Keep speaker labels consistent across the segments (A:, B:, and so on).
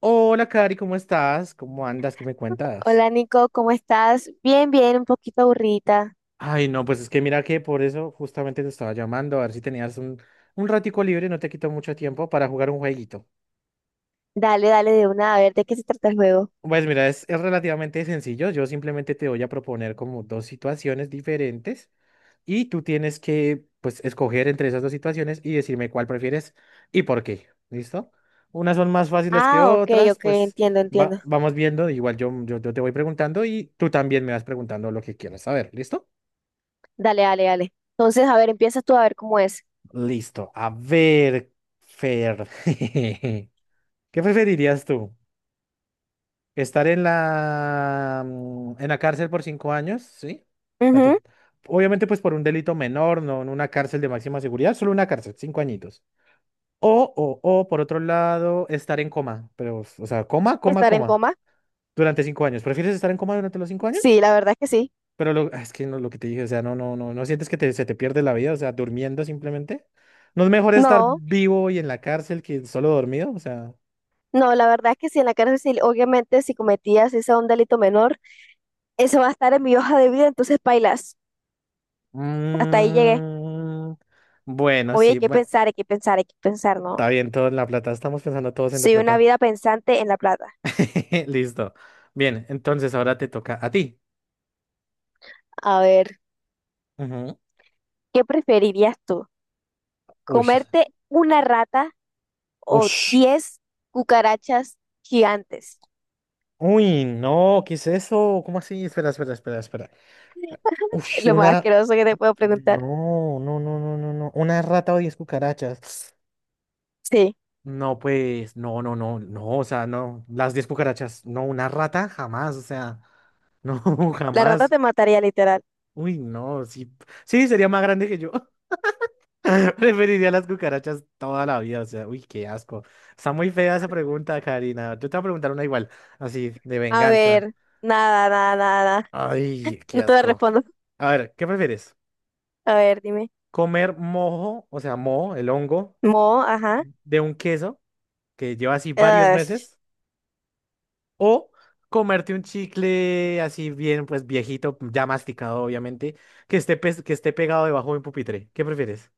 A: Hola, Cari, ¿cómo estás? ¿Cómo andas? ¿Qué me cuentas?
B: Hola Nico, ¿cómo estás? Bien, bien, un poquito aburrida.
A: Ay, no, pues es que mira que por eso justamente te estaba llamando, a ver si tenías un ratico libre, no te quito mucho tiempo para jugar un jueguito.
B: Dale, dale de una, a ver, ¿de qué se trata el juego?
A: Pues mira, es relativamente sencillo, yo simplemente te voy a proponer como dos situaciones diferentes y tú tienes que, pues, escoger entre esas dos situaciones y decirme cuál prefieres y por qué, ¿listo? Unas son más fáciles que
B: Ah, ok,
A: otras,
B: ok,
A: pues
B: entiendo, entiendo.
A: vamos viendo, igual yo te voy preguntando y tú también me vas preguntando lo que quieras saber, ¿listo?
B: Dale, dale, dale. Entonces, a ver, empiezas tú a ver cómo es.
A: Listo. A ver, Fer. ¿Qué preferirías tú? ¿Estar en la cárcel por 5 años? ¿Sí? A
B: Ujú.
A: tu- Obviamente, pues por un delito menor, no en una cárcel de máxima seguridad, solo una cárcel, 5 añitos. O por otro lado, estar en coma, pero, o sea, coma, coma,
B: ¿Estar en
A: coma,
B: coma?
A: durante 5 años. ¿Prefieres estar en coma durante los 5 años?
B: Sí, la verdad es que sí.
A: Pero es que no, lo que te dije, o sea, no, no, no, no sientes que se te pierde la vida, o sea, durmiendo simplemente. ¿No es mejor estar
B: No,
A: vivo y en la cárcel que solo dormido? O sea.
B: no, la verdad es que sí, en la cárcel, sí, obviamente, si cometías ese un delito menor, eso va a estar en mi hoja de vida, entonces bailas. Hasta ahí llegué.
A: Mm, bueno,
B: Oye, hay
A: sí,
B: que
A: bueno.
B: pensar, hay que pensar, hay que pensar, ¿no?
A: Está bien, todo en la plata, estamos pensando todos en la
B: Soy una
A: plata.
B: vida pensante en la plata.
A: Listo. Bien, entonces ahora te toca a ti.
B: A ver,
A: Ujú.
B: ¿qué preferirías tú?
A: Uy,
B: Comerte una rata o
A: uy,
B: 10 cucarachas gigantes.
A: uy, no, ¿qué es eso? ¿Cómo así? Espera, espera, espera, espera. Uy,
B: Lo más
A: una...
B: asqueroso que te puedo preguntar.
A: no, no, no, no, no, no. Una rata o 10 cucarachas.
B: Sí,
A: No, pues, no, no, no, no, o sea, no, las 10 cucarachas, no, una rata, jamás, o sea, no,
B: la rata
A: jamás.
B: te mataría literal.
A: Uy, no, sí, sí, sería más grande que yo. Preferiría las cucarachas toda la vida, o sea, uy, qué asco. Está muy fea esa pregunta, Karina. Yo te voy a preguntar una igual, así, de
B: A
A: venganza.
B: ver, nada, nada, nada.
A: Ay, qué
B: No te lo
A: asco.
B: respondo.
A: A ver, ¿qué prefieres?
B: A ver, dime.
A: ¿Comer mojo, o sea, moho, el hongo,
B: Mo, ajá.
A: de un queso que lleva así varios
B: Ugh,
A: meses? O comerte un chicle así bien, pues viejito, ya masticado, obviamente, que esté pegado debajo de un pupitre. ¿Qué prefieres?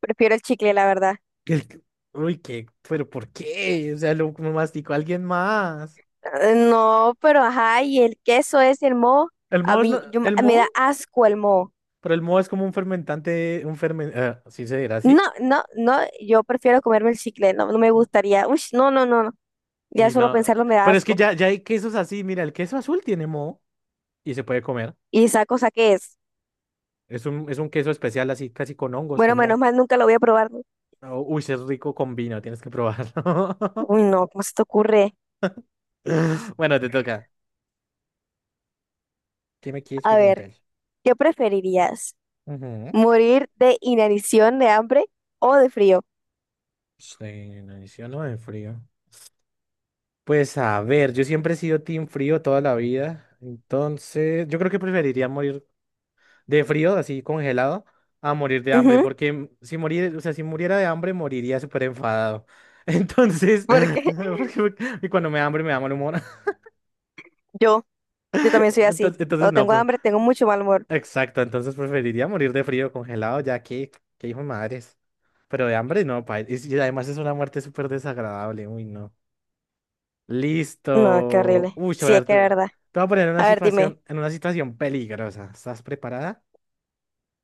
B: prefiero el chicle, la verdad.
A: el- Uy, qué, pero ¿por qué? O sea, lo masticó alguien más.
B: No, pero ajá, y el queso es el mo.
A: El
B: A
A: moho es
B: mí
A: no- el
B: me da
A: moho,
B: asco el mo.
A: pero el moho es como un fermentante, sí se dirá
B: No,
A: así.
B: no, no, yo prefiero comerme el chicle, no, no me gustaría. Uy, no, no, no, no. Ya
A: Y
B: solo
A: no,
B: pensarlo me da
A: pero es que
B: asco.
A: ya hay quesos así, mira, el queso azul tiene moho y se puede comer.
B: ¿Y esa cosa qué es?
A: Es un queso especial así, casi con hongos,
B: Bueno,
A: con
B: menos
A: moho.
B: mal nunca lo voy a probar, ¿no?
A: Oh, uy, sí es rico con vino, tienes que probarlo.
B: Uy, no, ¿cómo se te ocurre?
A: Bueno, te toca. ¿Qué me quieres
B: A ver,
A: preguntar?
B: ¿qué preferirías?
A: Ujú.
B: ¿Morir de inanición de hambre o de frío?
A: Sí, no, no de frío. Pues a ver, yo siempre he sido team frío toda la vida, entonces yo creo que preferiría morir de frío, así congelado, a morir de hambre,
B: Ujú.
A: porque si morir, o sea, si muriera de hambre moriría súper enfadado. Entonces,
B: Porque
A: porque me- y cuando me da hambre me da mal humor.
B: yo, yo también soy así.
A: Entonces
B: Cuando
A: no,
B: tengo
A: pues,
B: hambre, tengo mucho mal humor.
A: exacto, entonces preferiría morir de frío congelado, ya que hijo de madres. Pero de hambre no, pa. Y además es una muerte súper desagradable, uy, no.
B: No, qué
A: Listo.
B: horrible.
A: Uy, a
B: Sí, es
A: ver,
B: que
A: te,
B: es
A: te
B: verdad.
A: voy a poner
B: A ver, dime.
A: en una situación peligrosa. ¿Estás preparada?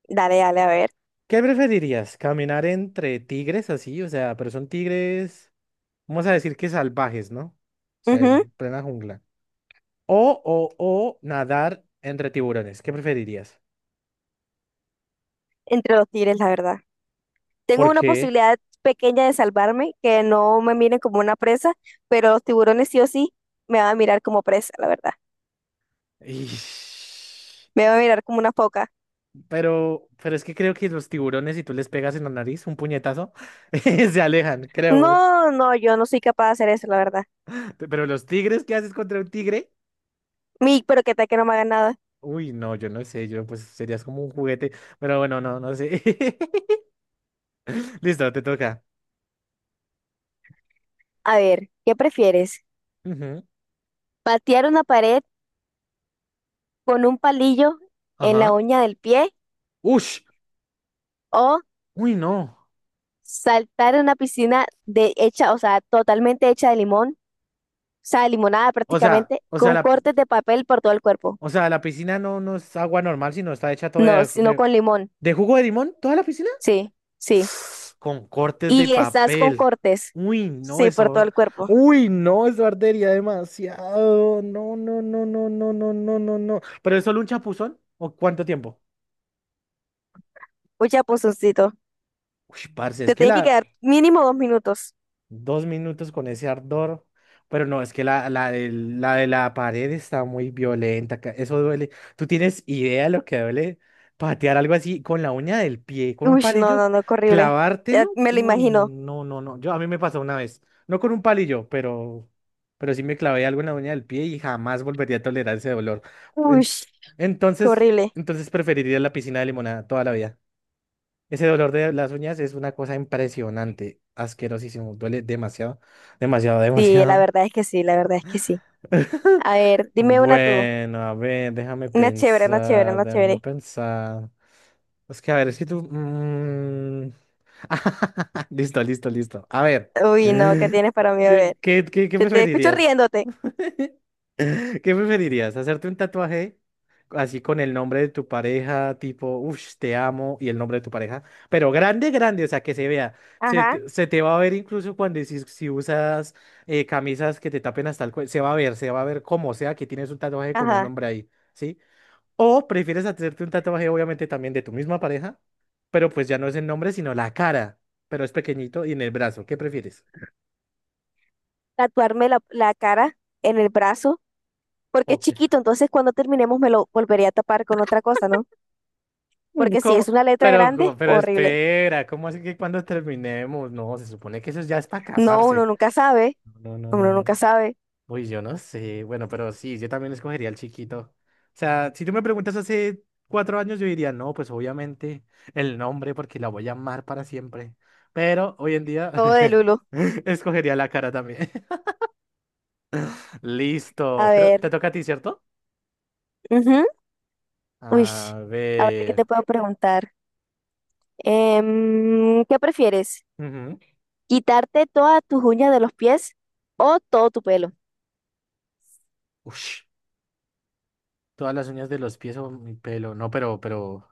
B: Dale, dale, a ver.
A: ¿Qué preferirías? ¿Caminar entre tigres así? O sea, pero son tigres, vamos a decir que salvajes, ¿no? O sea,
B: Ujú.
A: en plena jungla. O, o, o nadar entre tiburones. ¿Qué preferirías?
B: Entre los tigres, la verdad. Tengo
A: ¿Por
B: una
A: qué?
B: posibilidad pequeña de salvarme, que no me miren como una presa, pero los tiburones sí o sí me van a mirar como presa, la verdad.
A: Ish.
B: Me van a mirar como una foca.
A: Pero es que creo que los tiburones, si tú les pegas en la nariz un puñetazo, se alejan, creo.
B: No, no, yo no soy capaz de hacer eso, la verdad.
A: Pero los tigres, ¿qué haces contra un tigre?
B: Mi, pero que tal que no me haga nada.
A: Uy, no, yo no sé, yo pues serías como un juguete. Pero bueno, no, no sé. Listo, te toca.
B: A ver, ¿qué prefieres?
A: Ujú,
B: ¿Patear una pared con un palillo en la
A: ajá.
B: uña del pie
A: Ush,
B: o
A: uy, no.
B: saltar en una piscina de hecha, o sea, totalmente hecha de limón, o sea, limonada
A: O sea,
B: prácticamente,
A: o sea,
B: con
A: la,
B: cortes de papel por todo el cuerpo?
A: o sea, la piscina no, no es agua normal, sino está hecha toda
B: No,
A: de,
B: sino
A: de,
B: con limón.
A: de jugo de limón, toda la piscina.
B: Sí, sí.
A: Con cortes de
B: Y estás con
A: papel.
B: cortes.
A: Uy, no,
B: Sí, por todo
A: eso.
B: el cuerpo.
A: Uy, no, eso ardería demasiado. No, no, no, no, no, no, no, no, no. ¿Pero es solo un chapuzón? ¿O cuánto tiempo?
B: Mucha punzoncito.
A: Uy, parce, es
B: Te
A: que
B: tiene que
A: la.
B: quedar mínimo 2 minutos.
A: 2 minutos con ese ardor. Pero no, es que la de la pared está muy violenta. Eso duele. ¿Tú tienes idea de lo que duele patear algo así con la uña del pie, con un
B: Uy, no,
A: palillo,
B: no, no, qué horrible.
A: clavártelo?
B: Ya me lo
A: Uy,
B: imagino.
A: no, no, no. Yo, a mí me pasó una vez. No con un palillo, pero sí me clavé algo en la uña del pie y jamás volvería a tolerar ese dolor.
B: Uy,
A: En-
B: qué
A: entonces,
B: horrible.
A: entonces preferiría la piscina de limonada toda la vida. Ese dolor de las uñas es una cosa impresionante, asquerosísimo, duele demasiado, demasiado,
B: Sí, la
A: demasiado.
B: verdad es que sí, la verdad es que sí. A ver, dime una tú.
A: Bueno, a ver, déjame
B: Una chévere, una chévere,
A: pensar,
B: una
A: déjame
B: chévere.
A: pensar. Es que, a ver, es que tú. Listo, listo, listo. A ver,
B: Uy, no, ¿qué tienes para mí? A
A: ¿qué,
B: ver.
A: qué, qué, qué
B: Te escucho
A: preferirías?
B: riéndote.
A: ¿Qué preferirías? ¿Hacerte un tatuaje así con el nombre de tu pareja, tipo, uff, te amo, y el nombre de tu pareja? Pero grande, grande, o sea, que se vea. Se,
B: Ajá,
A: te se te va a ver incluso cuando si usas camisas que te tapen hasta el cuello. Se va a ver, se va a ver como sea que tienes un tatuaje con un
B: ajá.
A: nombre ahí, ¿sí? O prefieres hacerte un tatuaje, obviamente, también de tu misma pareja, pero pues ya no es el nombre, sino la cara, pero es pequeñito y en el brazo. ¿Qué prefieres?
B: Tatuarme la cara en el brazo, porque es
A: Ok.
B: chiquito, entonces cuando terminemos me lo volvería a tapar con otra cosa, ¿no? Porque si
A: ¿Cómo?
B: es una letra
A: Pero,
B: grande,
A: pero
B: horrible.
A: espera, ¿cómo así que cuando terminemos? No, se supone que eso ya es para
B: No, uno
A: casarse.
B: nunca sabe,
A: No, no, no,
B: uno
A: no.
B: nunca sabe.
A: Uy, yo no sé. Bueno, pero sí, yo también escogería al chiquito. O sea, si tú me preguntas hace 4 años, yo diría, no, pues obviamente el nombre, porque la voy a amar para siempre. Pero hoy en día
B: Todo de Lulo.
A: escogería la cara también.
B: A
A: Listo. Creo, te
B: ver,
A: toca a ti, ¿cierto?
B: ujú. Uy,
A: A
B: a ver qué te
A: ver.
B: puedo preguntar. Em, ¿qué prefieres?
A: Ujú.
B: ¿Quitarte todas tus uñas de los pies o todo tu pelo?
A: Ush, todas las uñas de los pies o mi pelo. No, pero, pero.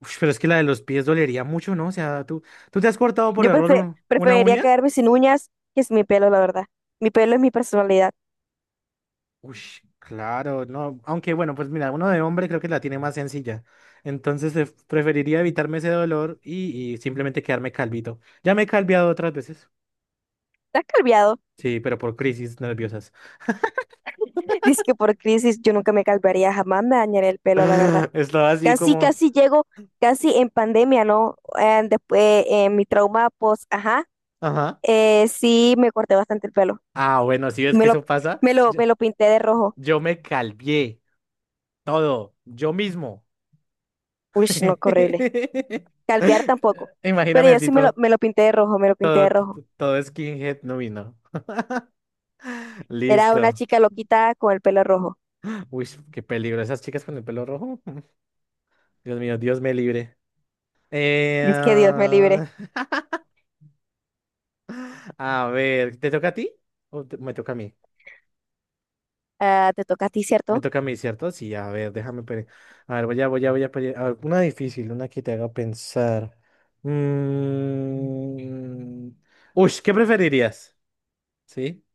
A: Ush, pero es que la de los pies dolería mucho, ¿no? O sea, ¿tú te has cortado por
B: Yo
A: error una
B: preferiría
A: uña?
B: quedarme sin uñas que sin mi pelo, la verdad. Mi pelo es mi personalidad.
A: Ush, claro, no. Aunque bueno, pues mira, uno de hombre creo que la tiene más sencilla. Entonces preferiría evitarme ese dolor y simplemente quedarme calvito. Ya me he calviado otras veces.
B: ¿Estás calviado?
A: Sí, pero por crisis nerviosas.
B: Dice que por crisis yo nunca me calvaría, jamás me dañaré el pelo, la verdad.
A: Estaba así
B: Casi,
A: como...
B: casi llego, casi en pandemia, ¿no? Después, mi trauma, pues, ajá,
A: Ajá.
B: sí me corté bastante el pelo.
A: Ah, bueno, si
B: Y
A: ves que eso pasa, yo,
B: me lo pinté de rojo.
A: yo me calvié todo, yo mismo.
B: Uy, no, qué horrible. Calvear tampoco. Pero
A: Imagíname
B: yo
A: así
B: sí
A: todo.
B: me lo pinté de rojo, me lo pinté de rojo.
A: Todo skinhead no vino.
B: Era una
A: Listo.
B: chica loquita con el pelo rojo.
A: Uy, qué peligro. Esas chicas con el pelo rojo. Dios mío, Dios me libre. Eh,
B: Es que Dios me libre.
A: ah, a ver, ¿te toca a ti? ¿O me toca a mí?
B: Ah, te toca a ti,
A: Me
B: ¿cierto?
A: toca a mí, ¿cierto? Sí, a ver, déjame. A ver, voy a. A ver, una difícil, una que te haga pensar. Mm, Uy, ¿qué preferirías? ¿Sí?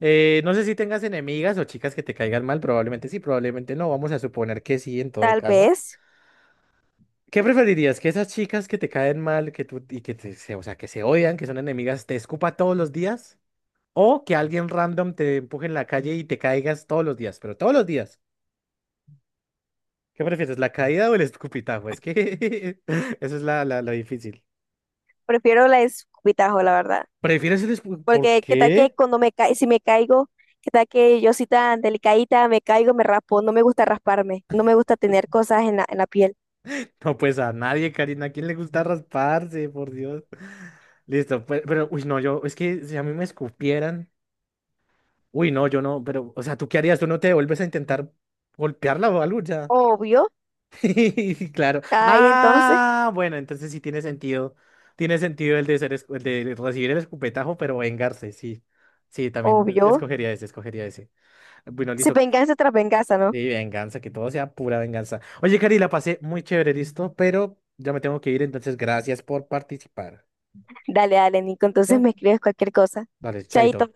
A: No sé si tengas enemigas o chicas que te caigan mal. Probablemente sí, probablemente no. Vamos a suponer que sí, en todo
B: Tal
A: caso.
B: vez.
A: ¿Qué preferirías? ¿Que esas chicas que te caen mal, que tú y que te, se, o sea, que se odian, que son enemigas, te escupa todos los días? ¿O que alguien random te empuje en la calle y te caigas todos los días? Pero todos los días. ¿Qué prefieres, la caída o el escupitajo? Es que eso es la difícil.
B: Prefiero la escupitajo, la verdad.
A: ¿Prefieres el escupitajo? ¿Por
B: Porque qué tal que
A: qué?
B: cuando me ca si me caigo, qué tal que yo soy tan delicadita, me caigo, me raspo. No me gusta rasparme. No me gusta tener cosas en en la piel.
A: No, pues a nadie, Karina. ¿A quién le gusta rasparse? Por Dios. Listo, pero, uy, no, yo, es que si a mí me escupieran, uy, no, yo no, pero, o sea, ¿tú qué harías? ¿Tú no te vuelves a intentar golpearla o algo? Ya.
B: Obvio.
A: Claro.
B: Ahí entonces,
A: Ah, bueno, entonces sí tiene sentido. Tiene sentido el de recibir el escupetajo, pero vengarse, sí. Sí, también.
B: obvio.
A: Escogería ese, escogería ese. Bueno,
B: Si
A: listo.
B: venganza tras venganza, ¿no?
A: Sí, venganza, que todo sea pura venganza. Oye, Cari, la pasé muy chévere, listo, pero ya me tengo que ir, entonces gracias por participar.
B: Dale, dale, Nico. Entonces
A: ¿Va?
B: me escribes cualquier cosa.
A: Vale, chaito.
B: Chaito.